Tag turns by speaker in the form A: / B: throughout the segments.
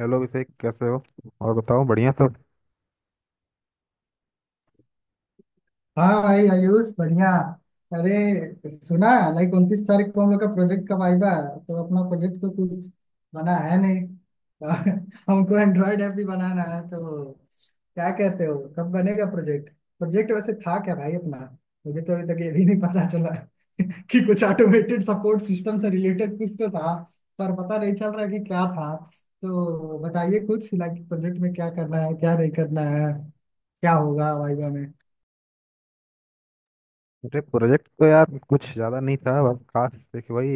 A: Hello Abhishek कैसे हो। और बताओ बढ़िया सब।
B: हाँ भाई आयुष बढ़िया। अरे सुना। लाइक 29 तारीख को हम लोग का प्रोजेक्ट का वाइवा है तो अपना प्रोजेक्ट तो कुछ बना है नहीं। हमको एंड्रॉयड ऐप भी बनाना है तो क्या कहते हो कब बनेगा प्रोजेक्ट। प्रोजेक्ट वैसे था क्या भाई अपना। मुझे तो अभी तक ये भी नहीं पता चला कि कुछ ऑटोमेटेड सपोर्ट सिस्टम से रिलेटेड कुछ तो था। पर पता नहीं चल रहा कि क्या था। तो बताइए कुछ लाइक प्रोजेक्ट में क्या करना है क्या नहीं करना है। क्या होगा वाइवा।
A: अरे प्रोजेक्ट तो यार कुछ ज़्यादा नहीं था, बस खास देखिए वही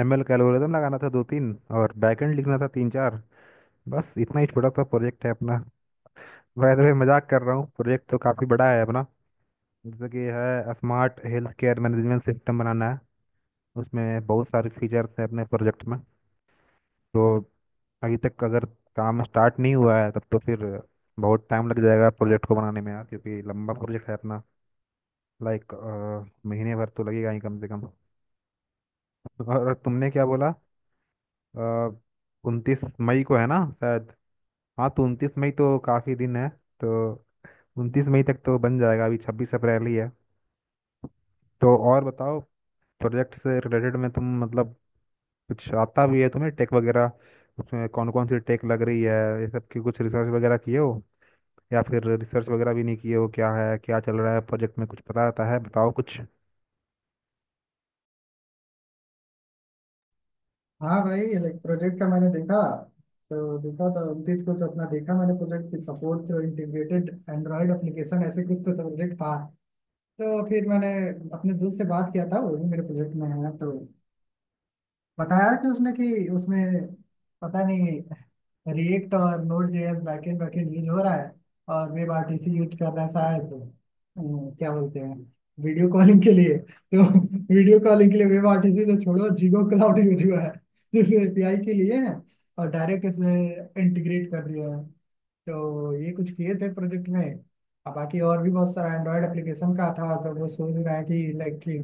A: एमएल का एल्गोरिदम लगाना था दो तीन। और बैकएंड लिखना था तीन चार। बस इतना ही छोटा सा प्रोजेक्ट है अपना। वैसे तो मैं मजाक कर रहा हूँ, प्रोजेक्ट तो काफ़ी बड़ा है अपना। जैसे कि है, smart health care management system बनाना है। उसमें बहुत सारे फीचर्स हैं अपने प्रोजेक्ट में। तो अभी तक अगर काम स्टार्ट नहीं हुआ है तब तो फिर बहुत टाइम लग जाएगा प्रोजेक्ट को बनाने में यार, क्योंकि लंबा प्रोजेक्ट है अपना। लाइक महीने भर तो लगेगा ही कम से कम। और तुमने क्या बोला, 29 मई को है ना शायद? हाँ, तो 29 मई तो काफ़ी दिन है। तो उनतीस मई तक तो बन जाएगा, अभी 26 अप्रैल ही है। तो और बताओ, प्रोजेक्ट से रिलेटेड में तुम मतलब कुछ आता भी है तुम्हें टेक वगैरह? उसमें कौन कौन सी टेक लग रही है, ये सब की कुछ रिसर्च वगैरह किए हो या फिर रिसर्च वगैरह भी नहीं किए हो? क्या है, क्या चल रहा है प्रोजेक्ट में, कुछ पता रहता है? बताओ कुछ।
B: हाँ भाई लाइक प्रोजेक्ट का मैंने देखा तो 29 को तो अपना देखा मैंने प्रोजेक्ट की support through integrated Android application ऐसे कुछ तो प्रोजेक्ट था। तो फिर मैंने अपने दोस्त से बात किया था वो भी मेरे प्रोजेक्ट में है तो बताया कि उसने कि उसमें पता नहीं रिएक्ट और Node JS backend backend use हो रहा है। और वेब आरटीसी यूज कर रहा है शायद। क्या बोलते हैं वीडियो कॉलिंग के लिए तो वीडियो कॉलिंग के लिए वेब आरटीसी तो छोड़ो जीगो क्लाउड यूज हुआ है जिसे एपीआई के लिए है और डायरेक्ट इसमें इंटीग्रेट कर दिया है। तो ये कुछ किए थे प्रोजेक्ट में। अब बाकी और भी बहुत सारा एंड्रॉयड एप्लीकेशन का था तो वो सोच रहे हैं कि लाइक कि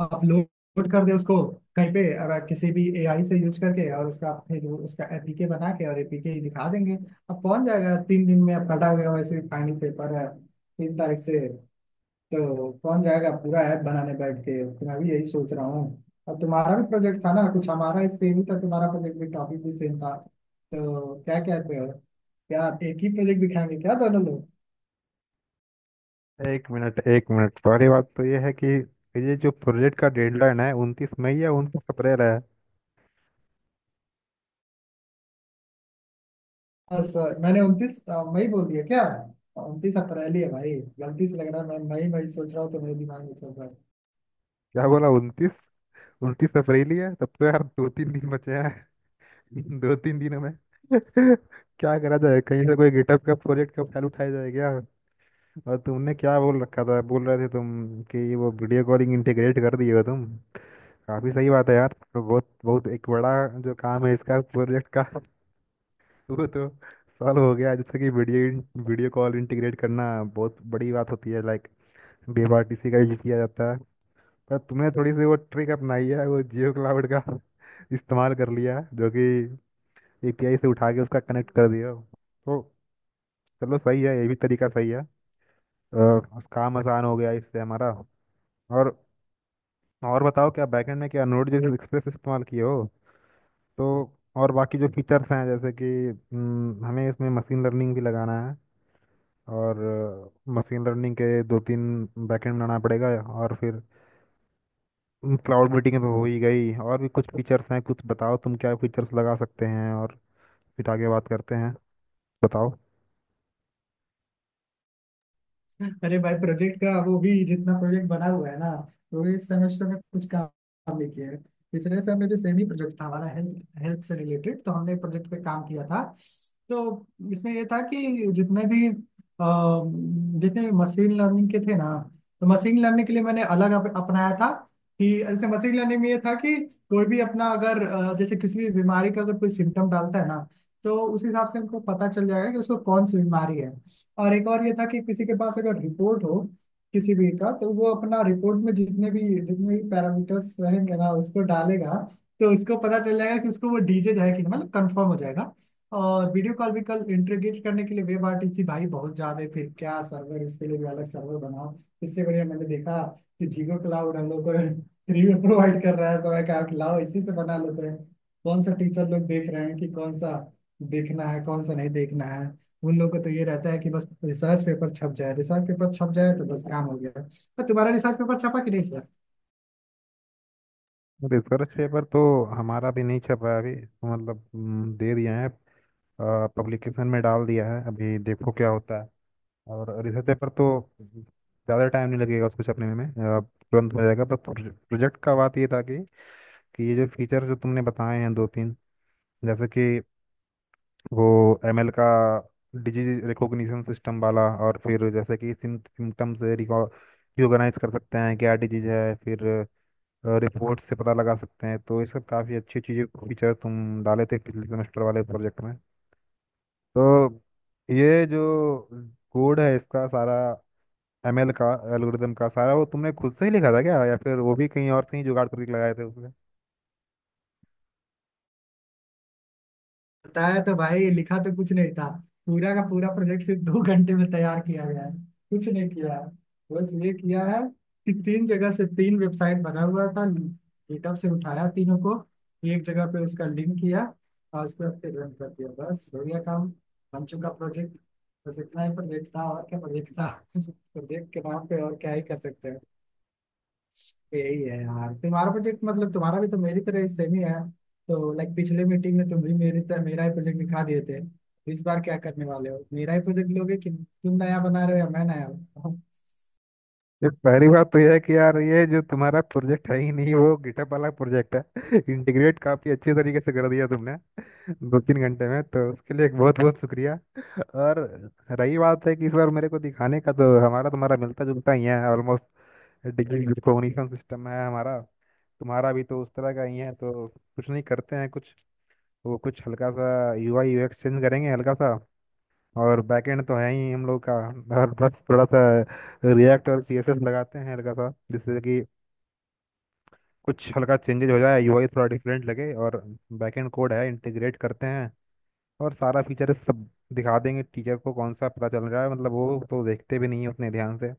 B: अपलोड कर दे उसको कहीं पे और किसी भी एआई से यूज करके और उसका फिर उसका एपीके बना के और एपीके ही दिखा देंगे। अब कौन जाएगा 3 दिन में अब कटा हुआ वैसे फाइनल पेपर है 3 तारीख से। तो कौन जाएगा पूरा ऐप बनाने बैठ के। तो मैं भी यही सोच रहा हूँ। अब तुम्हारा भी प्रोजेक्ट था ना कुछ हमारा सेम ही था तुम्हारा प्रोजेक्ट भी टॉपिक भी सेम था तो क्या कहते हो क्या एक ही प्रोजेक्ट दिखाएंगे क्या दोनों लोग।
A: एक मिनट एक मिनट, सारी बात तो ये है कि ये जो प्रोजेक्ट का डेडलाइन है, 29 मई या 29 अप्रैल है?
B: हाँ सर मैंने 29 मई बोल दिया क्या। 29 अप्रैल ही है भाई। गलती से लग रहा है मैं मई मई सोच रहा हूँ तो मेरे दिमाग में चल रहा है।
A: क्या बोला, उनतीस? 29 अप्रैल ही है, तब तो यार 2 3 दिन बचे हैं। 2 3 दिनों में क्या करा जाए, कहीं से कोई गिटहब का प्रोजेक्ट का फाइल उठाया जाए क्या? और तुमने क्या बोल रखा था, बोल रहे थे तुम कि वो वीडियो कॉलिंग इंटीग्रेट कर दिए हो तुम। काफी सही बात है यार। तो बहुत बहुत एक बड़ा जो काम है इसका प्रोजेक्ट का, वो तो सॉल्व हो गया। जैसे कि वीडियो वीडियो कॉल इंटीग्रेट करना बहुत बड़ी बात होती है, लाइक बीआरटीसी का यूज किया जाता है। पर तुमने थोड़ी सी वो ट्रिक अपनाई है, वो जियो क्लाउड का इस्तेमाल कर लिया है, जो कि एपीआई से उठा के उसका कनेक्ट कर दिया। तो चलो, सही है, ये भी तरीका सही है। अ, काम आसान हो गया इससे हमारा। और और बताओ, क्या बैकएंड में क्या नोड जैसे एक्सप्रेस इस्तेमाल किए हो? तो और बाकी जो फीचर्स हैं, जैसे कि हमें इसमें मशीन लर्निंग भी लगाना है। और मशीन लर्निंग के दो तीन बैकएंड बनाना पड़ेगा। और फिर क्लाउड मीटिंग तो हो ही गई, और भी कुछ फीचर्स हैं, कुछ बताओ तुम क्या फीचर्स लगा सकते हैं, और फिर आगे बात करते हैं। बताओ।
B: अरे भाई प्रोजेक्ट का वो भी जितना प्रोजेक्ट बना हुआ है ना वो इस सेमेस्टर में कुछ काम नहीं किया है। पिछले समय में भी सेम ही प्रोजेक्ट था हमारा हेल्थ हेल्थ से रिलेटेड तो हमने प्रोजेक्ट पे काम किया था। तो इसमें ये था कि जितने भी जितने भी मशीन लर्निंग के थे ना तो मशीन लर्निंग के लिए मैंने अलग अपनाया था कि जैसे मशीन लर्निंग में ये था कि कोई भी अपना अगर जैसे किसी भी बीमारी का अगर कोई सिम्टम डालता है ना तो उस हिसाब से हमको पता चल जाएगा कि उसको कौन सी बीमारी है। और एक और ये था कि किसी के पास अगर रिपोर्ट हो किसी भी का तो वो अपना रिपोर्ट में जितने भी पैरामीटर्स रहेंगे ना उसको डालेगा। तो उसको पता चल जाएगा कि उसको वो डीजे है कि नहीं, मतलब कंफर्म हो जाएगा। और वीडियो कॉल भी कल इंटीग्रेट करने के लिए वेब आरटीसी भाई बहुत ज्यादा है फिर क्या सर्वर उसके लिए भी अलग सर्वर बनाओ। इससे बढ़िया मैंने देखा कि जीगो क्लाउड हम लोग को फ्री में प्रोवाइड कर रहा है तो मैं कहा कि लाओ इसी से बना लेते हैं। कौन सा टीचर लोग देख रहे हैं कि कौन सा देखना है कौन सा नहीं देखना है। उन लोगों को तो ये रहता है कि बस रिसर्च पेपर छप जाए रिसर्च पेपर छप जाए तो बस काम हो गया। और तुम्हारा रिसर्च पेपर छपा कि नहीं सर।
A: रिसर्च पेपर तो हमारा भी नहीं छप रहा है अभी, तो मतलब दे दिया है, पब्लिकेशन में डाल दिया है, अभी देखो क्या होता है। और रिसर्च पेपर तो ज़्यादा टाइम नहीं लगेगा उसको छपने में, तुरंत हो जाएगा। पर प्रोजेक्ट का बात ये था कि ये जो फीचर जो तुमने बताए हैं दो तीन, जैसे कि वो एमएल का डिजीज रिकॉग्निशन सिस्टम वाला, और फिर जैसे कि सिम्टम्स रिकॉग्नाइज कर सकते हैं क्या डिजीज है, फिर रिपोर्ट से पता लगा सकते हैं, तो ये सब काफ़ी अच्छी चीज़ें फीचर तुम डाले थे पिछले सेमेस्टर वाले प्रोजेक्ट में। तो ये जो कोड है इसका सारा, एमएल का एल्गोरिदम का सारा, वो तुमने खुद से ही लिखा था क्या या फिर वो भी कहीं और से ही जुगाड़ करके लगाए थे?
B: बताया तो भाई लिखा तो कुछ नहीं था। पूरा का पूरा प्रोजेक्ट सिर्फ 2 घंटे में तैयार किया गया है। कुछ नहीं किया है। बस ये किया है कि तीन जगह से तीन वेबसाइट बना हुआ था गिटहब से उठाया तीनों को एक जगह पे उसका लिंक किया और उसके बाद फिर रन कर दिया बस हो गया काम। बन चुका प्रोजेक्ट। बस इतना ही प्रोजेक्ट था और क्या प्रोजेक्ट था प्रोजेक्ट के नाम पे और क्या ही कर सकते हैं। यही है यार तुम्हारा प्रोजेक्ट मतलब तुम्हारा भी तो मेरी तरह सेम ही है। तो लाइक पिछले मीटिंग में तुम भी मेरी तरह मेरा ही प्रोजेक्ट दिखा दिए थे। इस बार क्या करने वाले हो मेरा ही प्रोजेक्ट लोगे कि तुम नया बना रहे हो या मैं नया बना रहा हूँ।
A: ये पहली बात तो यह है कि यार ये जो तुम्हारा प्रोजेक्ट है ही नहीं, वो गिटअप वाला प्रोजेक्ट है। इंटीग्रेट काफी अच्छे तरीके से कर दिया तुमने 2 3 घंटे में, तो उसके लिए बहुत बहुत शुक्रिया। और रही बात है कि इस बार मेरे को दिखाने का, तो हमारा तुम्हारा मिलता जुलता ही है ऑलमोस्ट। डिग्री रिकॉग्निशन सिस्टम है हमारा, तुम्हारा भी तो उस तरह का ही है। तो कुछ नहीं करते हैं, कुछ वो कुछ हल्का सा यूआई यूएक्स चेंज करेंगे हल्का सा। और बैकएंड तो है ही हम लोग का। और बस थोड़ा सा रिएक्ट और सीएसएस लगाते हैं हल्का सा, जिससे कि कुछ हल्का चेंजेज हो जाए, यूआई थोड़ा डिफरेंट लगे। और बैकएंड कोड है इंटीग्रेट करते हैं। और सारा फीचर सब दिखा देंगे टीचर को, कौन सा पता चल रहा है, मतलब वो तो देखते भी नहीं है उतने ध्यान से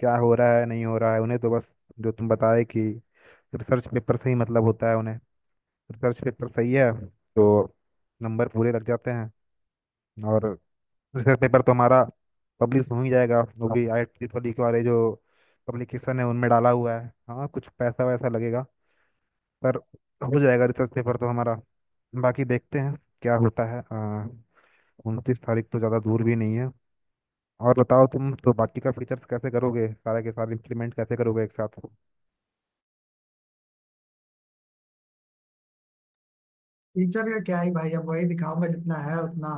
A: क्या हो रहा है नहीं हो रहा है। उन्हें तो बस जो तुम बताए कि रिसर्च पेपर से ही मतलब होता है उन्हें, रिसर्च पेपर सही है तो नंबर पूरे लग जाते हैं। और रिसर्च पेपर तो हमारा पब्लिश हो ही जाएगा, वो भी आई ट्रिपल ई के वाले जो पब्लिकेशन है उनमें डाला हुआ है। हाँ, कुछ पैसा वैसा लगेगा, पर हो जाएगा रिसर्च पेपर तो हमारा। बाकी देखते हैं क्या होता है। 29 तारीख तो ज़्यादा दूर भी नहीं है। और बताओ तुम तो बाकी का फीचर्स कैसे करोगे, सारे के सारे इम्प्लीमेंट कैसे करोगे एक साथ?
B: टीचर का क्या ही भाई अब वही दिखाऊंगा जितना है उतना।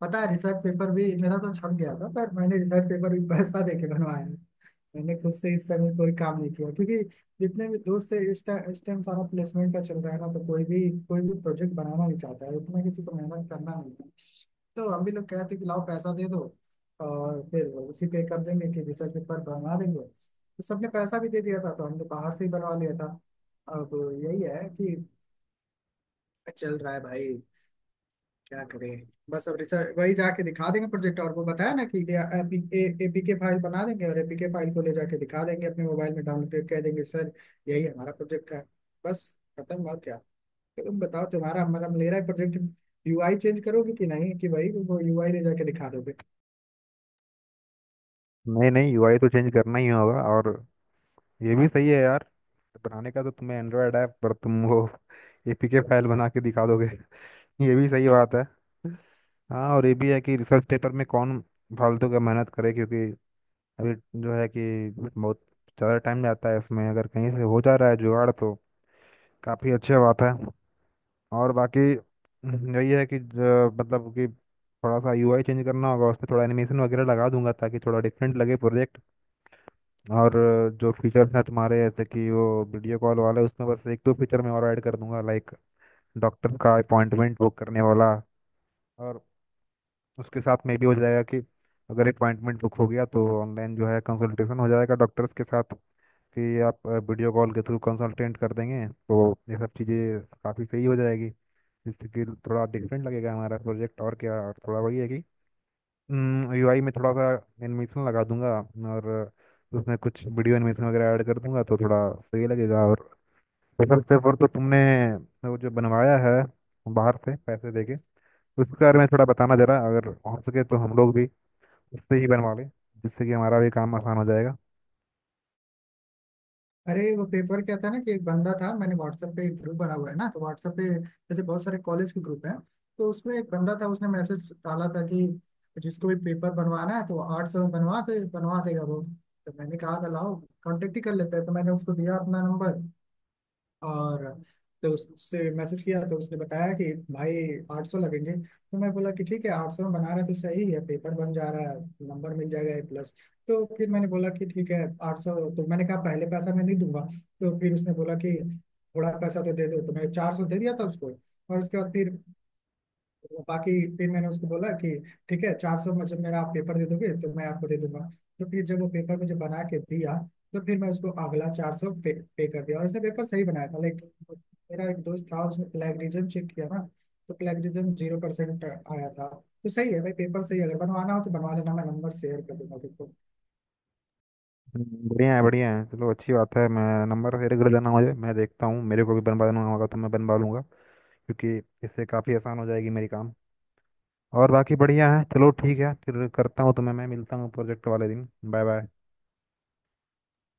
B: पता है रिसर्च पेपर भी मेरा तो छप गया था पर मैंने रिसर्च पेपर भी पैसा दे के बनवाया है। मैंने खुद से इस समय कोई काम नहीं किया क्योंकि जितने भी दोस्त से इस टाइम सारा प्लेसमेंट का चल रहा है ना तो कोई भी प्रोजेक्ट बनाना नहीं चाहता है उतना किसी को मेहनत करना नहीं। तो हम भी लोग कहते थे कि लाओ पैसा दे दो और फिर उसी पे कर देंगे कि रिसर्च पेपर बनवा देंगे तो सबने पैसा भी दे दिया था तो हमने बाहर से ही बनवा लिया था। अब यही है कि चल रहा है भाई। क्या करें बस अब रिसर्च वही जाके दिखा देंगे प्रोजेक्ट और वो बताया ना कि एपीके फाइल बना देंगे और एपीके फाइल को ले जाके दिखा देंगे अपने मोबाइल में डाउनलोड कह देंगे सर। यही हमारा प्रोजेक्ट है। बस खत्म और क्या। तो तुम बताओ तुम्हारा हमारा मेरा प्रोजेक्ट यूआई चेंज करोगे कि नहीं कि भाई वो यूआई ले जाके दिखा दोगे।
A: नहीं नहीं, यूआई तो चेंज करना ही होगा। और ये भी सही है यार, बनाने का तो तुम्हें एंड्रॉयड ऐप, पर तुम वो एपीके फाइल बना के दिखा दोगे। ये भी सही बात है। हाँ, और ये भी है कि रिसर्च पेपर में कौन फालतू का मेहनत करे, क्योंकि अभी जो है कि बहुत ज़्यादा टाइम जाता है इसमें। अगर कहीं से हो जा रहा है जुगाड़, तो काफ़ी अच्छी बात है। और बाकी यही है कि मतलब कि थोड़ा सा यूआई चेंज करना होगा, उस पर थोड़ा एनिमेशन वगैरह लगा दूंगा ताकि थोड़ा डिफरेंट लगे प्रोजेक्ट। और जो फीचर्स हैं तुम्हारे, जैसे कि वो वीडियो कॉल वाला, उसमें बस एक दो फीचर मैं और ऐड कर दूंगा, लाइक डॉक्टर का अपॉइंटमेंट बुक करने वाला। और उसके साथ में भी हो जाएगा कि अगर अपॉइंटमेंट बुक हो गया तो ऑनलाइन जो है कंसल्टेशन हो जाएगा डॉक्टर्स के साथ, कि आप वीडियो कॉल के थ्रू कंसल्टेंट कर देंगे। तो ये सब चीज़ें काफ़ी सही हो जाएगी, जिससे कि थोड़ा डिफरेंट लगेगा हमारा प्रोजेक्ट। और क्या, और थोड़ा वही है कि यूआई में थोड़ा सा एनिमेशन लगा दूंगा, और उसमें कुछ वीडियो एनिमेशन वगैरह ऐड कर दूंगा तो थोड़ा सही लगेगा। और स्पेशल पेपर तो तुमने वो जो बनवाया है बाहर से पैसे देके, उसके बारे में थोड़ा बताना जरा, अगर हो सके तो हम लोग भी उससे ही बनवा लें, जिससे कि हमारा भी काम आसान हो जाएगा।
B: अरे वो पेपर क्या था ना कि एक बंदा था मैंने व्हाट्सएप पे एक ग्रुप बना हुआ है ना तो व्हाट्सएप पे जैसे बहुत सारे कॉलेज के ग्रुप हैं। तो उसमें एक बंदा था उसने मैसेज डाला था कि जिसको भी पेपर बनवाना है तो 800 में बनवा दे बनवा देगा वो। तो मैंने कहा था लाओ कॉन्टेक्ट ही कर लेते हैं तो मैंने उसको दिया अपना नंबर। और तो उससे मैसेज किया तो उसने बताया कि भाई 800 लगेंगे। तो मैं बोला कि ठीक है 800 में बना रहा है तो सही है पेपर बन जा रहा है नंबर मिल जाएगा A+। तो फिर मैंने बोला कि ठीक है आठ सौ तो मैंने कहा पहले पैसा मैं नहीं दूंगा। तो फिर उसने बोला कि थोड़ा पैसा तो दे दो तो मैंने 400 दे दिया था उसको। और उसके बाद फिर तो बाकी फिर मैंने उसको बोला कि ठीक है 400 में जब मेरा आप पेपर दे दोगे तो मैं आपको दे दूंगा। तो फिर जब वो पेपर मुझे बना के दिया तो फिर मैं उसको अगला 400 पे कर दिया और उसने पेपर सही बनाया था लेकिन मेरा एक दोस्त था उसने प्लेगरिज्म चेक किया ना। तो प्लेगरिज्म 0% आया था। तो सही है भाई पेपर सही है, अगर बनवाना हो तो बनवा लेना मैं नंबर शेयर कर दूंगा तुमको।
A: बढ़िया है बढ़िया है, चलो अच्छी बात है। मैं नंबर तेरे घर जाना मुझे, मैं देखता हूँ, मेरे को भी बनवाना होगा तो मैं बनवा लूँगा, क्योंकि इससे काफ़ी आसान हो जाएगी मेरी काम। और बाकी बढ़िया है, चलो ठीक है, फिर करता हूँ तुम्हें, मैं मिलता हूँ प्रोजेक्ट वाले दिन। Bye bye.